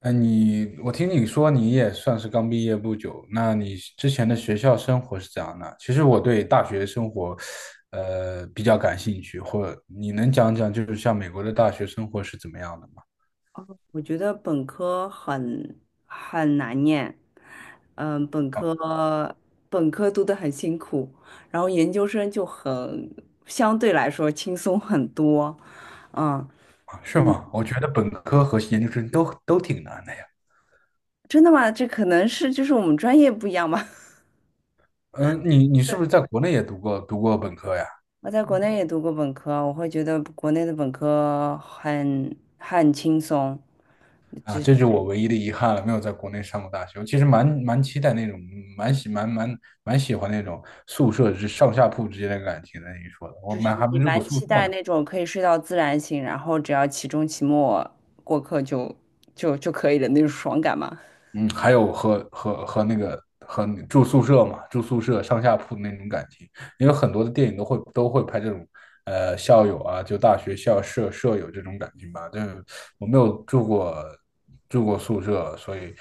哎，我听你说你也算是刚毕业不久，那你之前的学校生活是怎样的？其实我对大学生活，比较感兴趣，或你能讲讲，就是像美国的大学生活是怎么样的吗？我觉得本科很难念，嗯，本啊。科本科读得很辛苦，然后研究生就很相对来说轻松很多。嗯。啊，是吗？我觉得本科和研究生都挺难的呀。真的吗？这可能是就是我们专业不一样吧。嗯，你是不对。是在国内也读过本科呀？我在国内也读过本科，我会觉得国内的本科很轻松，啊，这是我唯一的遗憾了，没有在国内上过大学。我其实蛮期待那种，蛮喜蛮蛮蛮喜欢那种宿舍之上下铺之间的感情的。你说的，我就是们还你没住过蛮宿期舍待呢。那种可以睡到自然醒，然后只要期中期末过课就可以的那种爽感嘛。嗯，还有和那个和你住宿舍嘛，住宿舍上下铺的那种感情，因为很多的电影都会拍这种，校友啊，就大学校舍舍友这种感情吧。但是我没有住过宿舍，所以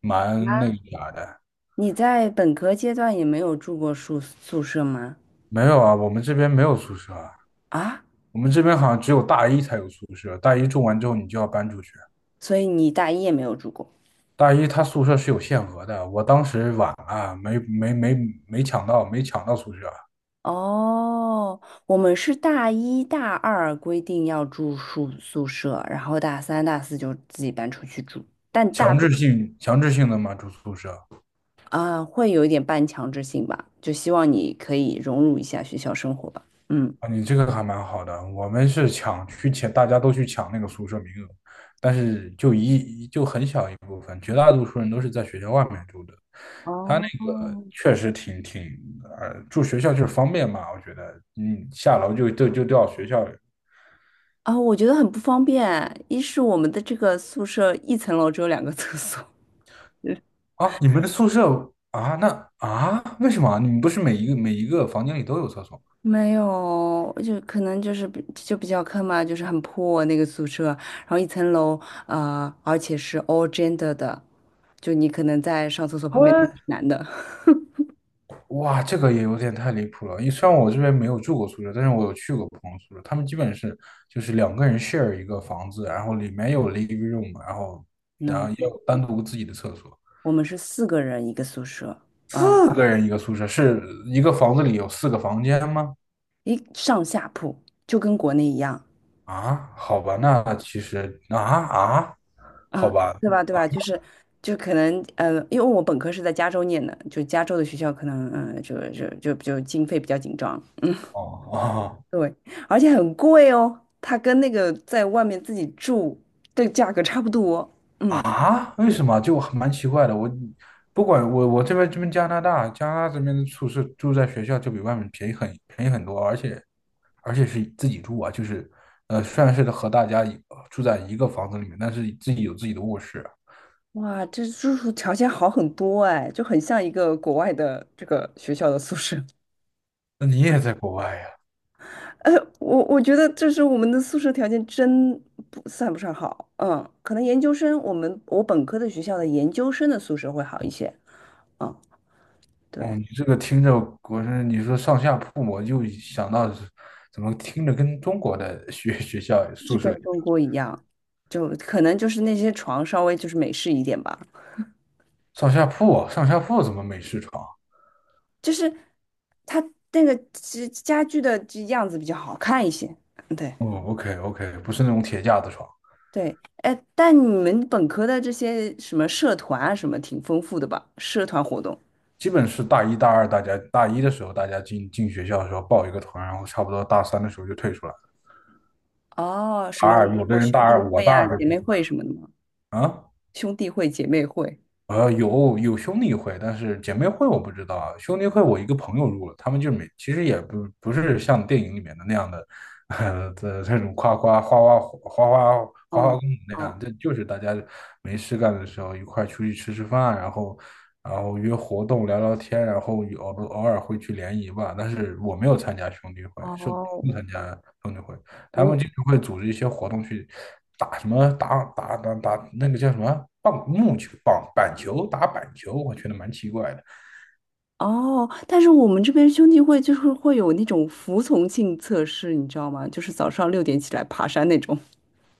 蛮那个啥的。你在本科阶段也没有住过宿舍吗？没有啊，我们这边没有宿舍啊。啊，我们这边好像只有大一才有宿舍，大一住完之后你就要搬出去。所以你大一也没有住过。大一他宿舍是有限额的，我当时晚了，没抢到，没抢到宿舍，哦，我们是大一大二规定要住宿舍，然后大三大四就自己搬出去住，但大强多制性强制性的嘛住宿舍。啊会有一点半强制性吧，就希望你可以融入一下学校生活吧。嗯。啊，你这个还蛮好的。我们是抢，大家都去抢那个宿舍名额，但是就很小一部分，绝大多数人都是在学校外面住的。他那哦，个确实挺，住学校就是方便嘛，我觉得，下楼就到学校。啊，我觉得很不方便。一是我们的这个宿舍一层楼只有2个厕所，啊，你们的宿舍啊，那啊，为什么啊你们不是每一个房间里都有厕所吗？没有，就可能就是比较坑嘛，就是很破那个宿舍，然后一层楼，而且是 all gender 的，就你可能在上厕所我旁边的是男的。哇，这个也有点太离谱了。因为虽然我这边没有住过宿舍，但是我有去过朋友宿舍，他们基本是就是两个人 share 一个房子，然后里面有 living room，然后 no，然后也有单独自己的厕所，我们是4个人一个宿舍啊，四个人一个宿舍，是一个房子里有四个房间吗？一上下铺，就跟国内一样啊，好吧，那其实好啊，吧。对吧？对吧？就是就可能因为我本科是在加州念的，就加州的学校可能就经费比较紧张，哦哦。对，而且很贵哦，它跟那个在外面自己住的价格差不多。嗯，啊？为什么？就蛮奇怪的。我不管我我这边加拿大这边的宿舍住在学校就比外面便宜很多，而且是自己住啊，就是虽然是和大家住在一个房子里面，但是自己有自己的卧室啊。哇，这住宿条件好很多哎，就很像一个国外的这个学校的宿舍。那你也在国外呀？呃，我觉得这是我们的宿舍条件真不算不上好。嗯，可能研究生，我本科的学校的研究生的宿舍会好一些。嗯，对，哦，你这个听着，你说上下铺，我就想到是怎么听着跟中国的学 学校就是宿跟舍。中国一样，就可能就是那些床稍微就是美式一点吧。上下铺啊，上下铺怎么美式床？就是它那个家具的这样子比较好看一些。对哦，OK OK，不是那种铁架子床。对，哎，但你们本科的这些什么社团啊，什么挺丰富的吧？社团活动。基本是大一大二，大家大一的时候大家进学校的时候报一个团，然后差不多大三的时候就退出来了。哦，什大么二有也的有人大兄弟二，我会大呀、二的。姐妹会什么的吗？啊。兄弟会、姐妹会。有兄弟会，但是姐妹会我不知道啊。兄弟会我一个朋友入了，他们就没，其实也不是像电影里面的那样的，这种夸夸花花花花花花哦公子那样，哦这就是大家没事干的时候一块出去吃吃饭啊，然后约活动聊聊天，然后有偶尔会去联谊吧。但是我没有参加兄弟会，是我哦，不参加兄弟会。他我们就常会组织一些活动去打什么打那个叫什么棒木球棒板球打板球，我觉得蛮奇怪的。哦，但是我们这边兄弟会就是会有那种服从性测试，你知道吗？就是早上6点起来爬山那种。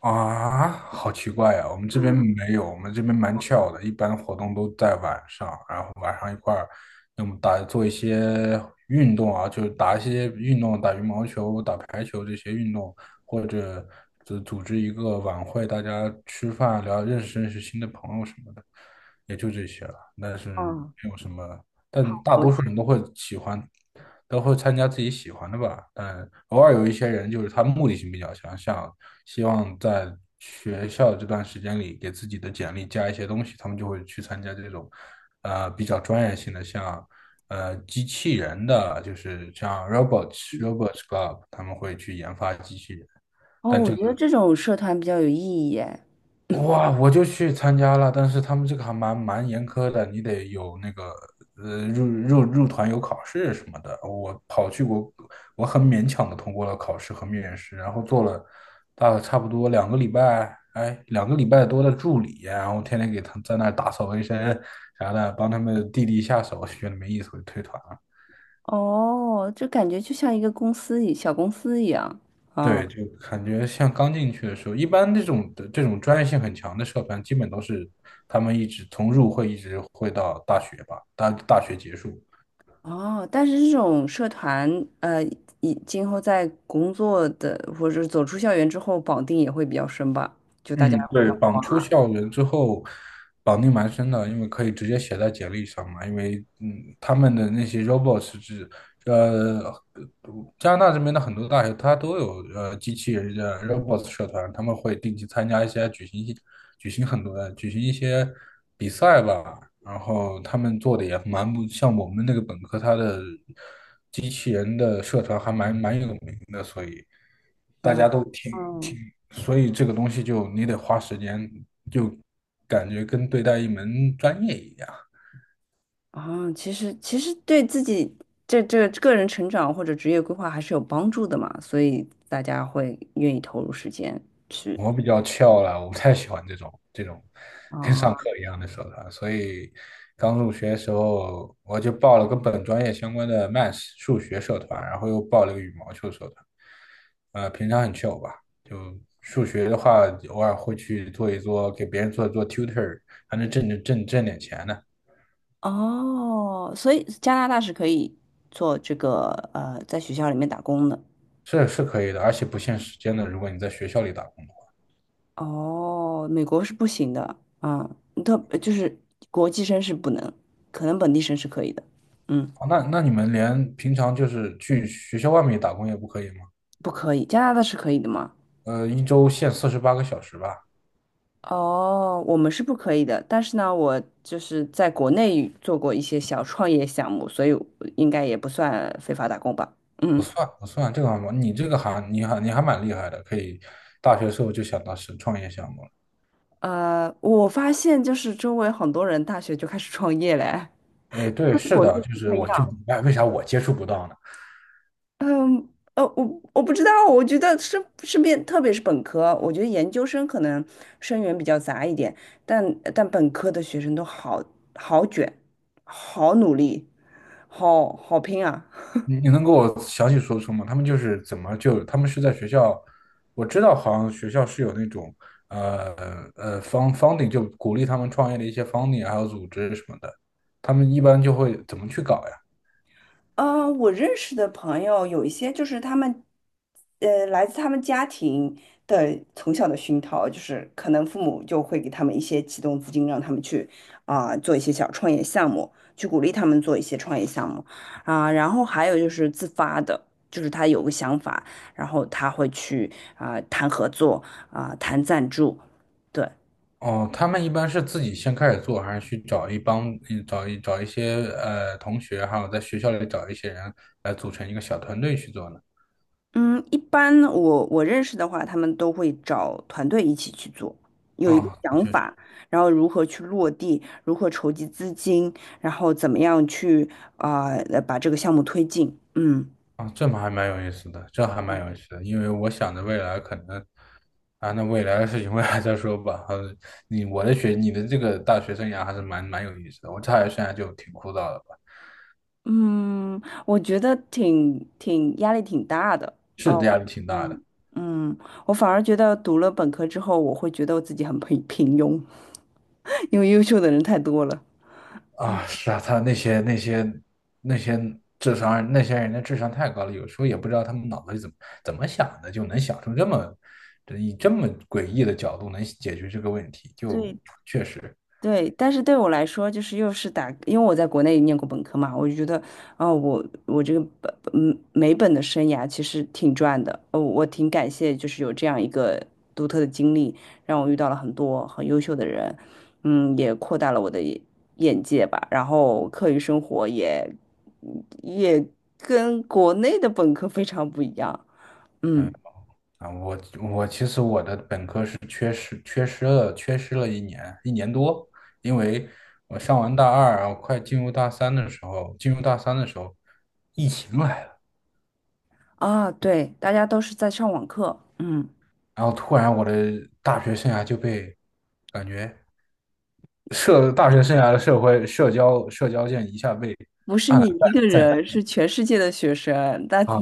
啊，好奇怪呀，我们这边没有，我们这边蛮 c 的，一般活动都在晚上，然后晚上一块儿，要么做一些运动啊，就是打一些运动，打羽毛球、打排球这些运动，或者就组织一个晚会，大家吃饭聊，认识认识新的朋友什么的，也就这些了。但是嗯。没有什么但 大我多数人都会喜欢，都会参加自己喜欢的吧。但偶尔有一些人就是他目的性比较强，像希望在学校这段时间里给自己的简历加一些东西，他们就会去参加这种，比较专业性的，像机器人的，就是像 robots club，他们会去研发机器人。哦，但我这觉个。得这种社团比较有意义耶。哇，我就去参加了，但是他们这个还蛮严苛的，你得有那个入团有考试什么的。我跑去我我很勉强的通过了考试和面试，然后做了大概差不多两个礼拜，哎，2个礼拜多的助理，然后天天给他们在那儿打扫卫生啥的，帮他们弟弟下手，觉得没意思，我就退团了。哦，就感觉就像一小公司一样对，啊。就感觉像刚进去的时候，一般这种专业性很强的社团，基本都是他们一直从入会一直会到大学吧，大学结束。哦，但是这种社团，呃，以今后在工作的或者走出校园之后，绑定也会比较深吧？就大家嗯，互对，相帮绑出忙校园之后，绑定蛮深的，因为可以直接写在简历上嘛。因为他们的那些 robots 是呃，加拿大这边的很多大学它都有机器人的 robots 社团，他们会定期参加一些举行一举行一些比赛吧。然后他们做的也蛮不像我们那个本科，它的机器人的社团还蛮有名的，所以。大啊。家都挺嗯，挺，所以这个东西就你得花时间，就感觉跟对待一门专业一样。啊，其实对自己这个人成长或者职业规划还是有帮助的嘛，所以大家会愿意投入时间去。我比较翘了，我不太喜欢这种跟上啊。课一样的社团。所以刚入学的时候我就报了跟本专业相关的 Math 数学社团，然后又报了个羽毛球社团。平常很翘吧，就数学的话，偶尔会去做一做，给别人做一做 tutor，还能挣点钱呢。哦，所以加拿大是可以做这个在学校里面打工的。是是可以的，而且不限时间的。如果你在学校里打工的话，哦，美国是不行的，嗯，就是国际生是不能，可能本地生是可以的，嗯，哦，那你们连平常就是去学校外面打工也不可以吗？不可以，加拿大是可以的吗？一周限48个小时吧。哦，我们是不可以的，但是呢，我就是在国内做过一些小创业项目，所以我应该也不算非法打工吧。不嗯，算不算，这个还蛮你这个还你还你还蛮厉害的，可以大学时候就想到是创业项目了。我发现就是周围很多人大学就开始创业嘞，哎，对，跟是国的，内就不是太一我就明样。白为啥我接触不到呢？嗯，我不知道，我觉得是是边，特别是本科，我觉得研究生可能生源比较杂一点，但本科的学生都好卷，好努力，好拼啊！你能给我详细说说吗？他们就是怎么就他们是在学校，我知道好像学校是有那种呃方 funding 就鼓励他们创业的一些 funding 还有组织什么的，他们一般就会怎么去搞呀？我认识的朋友有一些就是他们，来自他们家庭的从小的熏陶，就是可能父母就会给他们一些启动资金，让他们去啊、做一些小创业项目，去鼓励他们做一些创业项目啊、然后还有就是自发的，就是他有个想法，然后他会去啊、谈合作啊、谈赞助，对。哦，他们一般是自己先开始做，还是去找一帮嗯找一找一些同学，还有在学校里找一些人来组成一个小团队去做呢？嗯，一般我认识的话，他们都会找团队一起去做，有一个哦，想法，然后如何去落地，如何筹集资金，然后怎么样去啊、把这个项目推进。嗯啊，这么还蛮有意思的，这还蛮有意思的，因为我想着未来可能，啊，那未来的事情未来再说吧。你的这个大学生涯还是蛮有意思的。我大学生涯就挺枯燥的吧，嗯，我觉得挺压力挺大的是哦。压力挺大嗯的嗯，我反而觉得读了本科之后，我会觉得我自己很平庸，因为优秀的人太多了。啊。是啊，他那些那些那些智商，那些人的智商太高了，有时候也不知道他们脑子里怎么想的，就能想出这么，以这么诡异的角度能解决这个问题，就对确实。对，但是对我来说，就是又是打，因为我在国内念过本科嘛，我就觉得，哦，我这个美本的生涯其实挺赚的，哦，我挺感谢，就是有这样一个独特的经历，让我遇到了很多很优秀的人，嗯，也扩大了我的眼界吧，然后课余生活也跟国内的本科非常不一样，嗯嗯。啊，我其实我的本科是缺失了一年多，因为我上完大二，然后快进入大三的时候，进入大三的时候，疫情来了，啊，对，大家都是在上网课，嗯。然后突然我的大学生涯就被感觉大学生涯的社会社交键一下被不是按你了一个暂暂人，停是全世界的学生，大啊，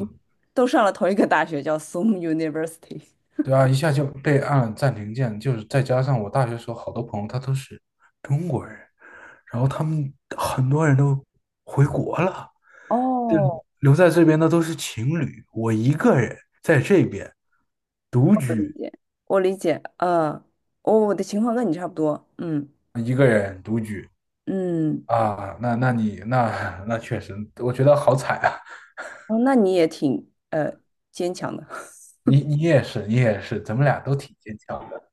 都上了同一个大学，叫 Soon University。对啊，一下就被按了暂停键，就是再加上我大学时候好多朋友他都是中国人，然后他们很多人都回国了。这哦，留在这边的都是情侣，我一个人在这边独我理居，解，我理解，嗯，哦，我的情况跟你差不多，嗯一个人独居。嗯，啊，那那你那那确实，我觉得好惨啊！哦，那你也挺坚强的。你也是，你也是，咱们俩都挺坚强的。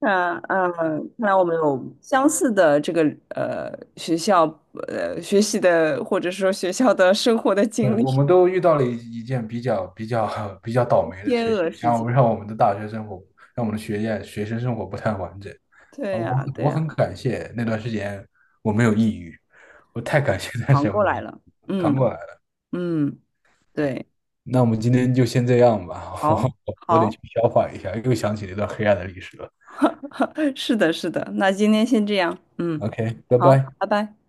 那嗯，看来我们有相似的这个呃学校学习的，或者说学校的生活的经对，历，我们都遇到了一件比较 比较倒 霉的天事情，鹅事然件。后让我们的学生生活不太完整对啊。我呀，很对我呀，很感谢那段时间我没有抑郁，我太感谢那段时扛间我过没有来抑郁，了。扛嗯过来了。嗯，对。那我们今天就先这样吧，我好，我得去好，消化一下，又想起一段黑暗的历史了。是的，是的，那今天先这样，嗯，OK，拜好，拜。拜拜。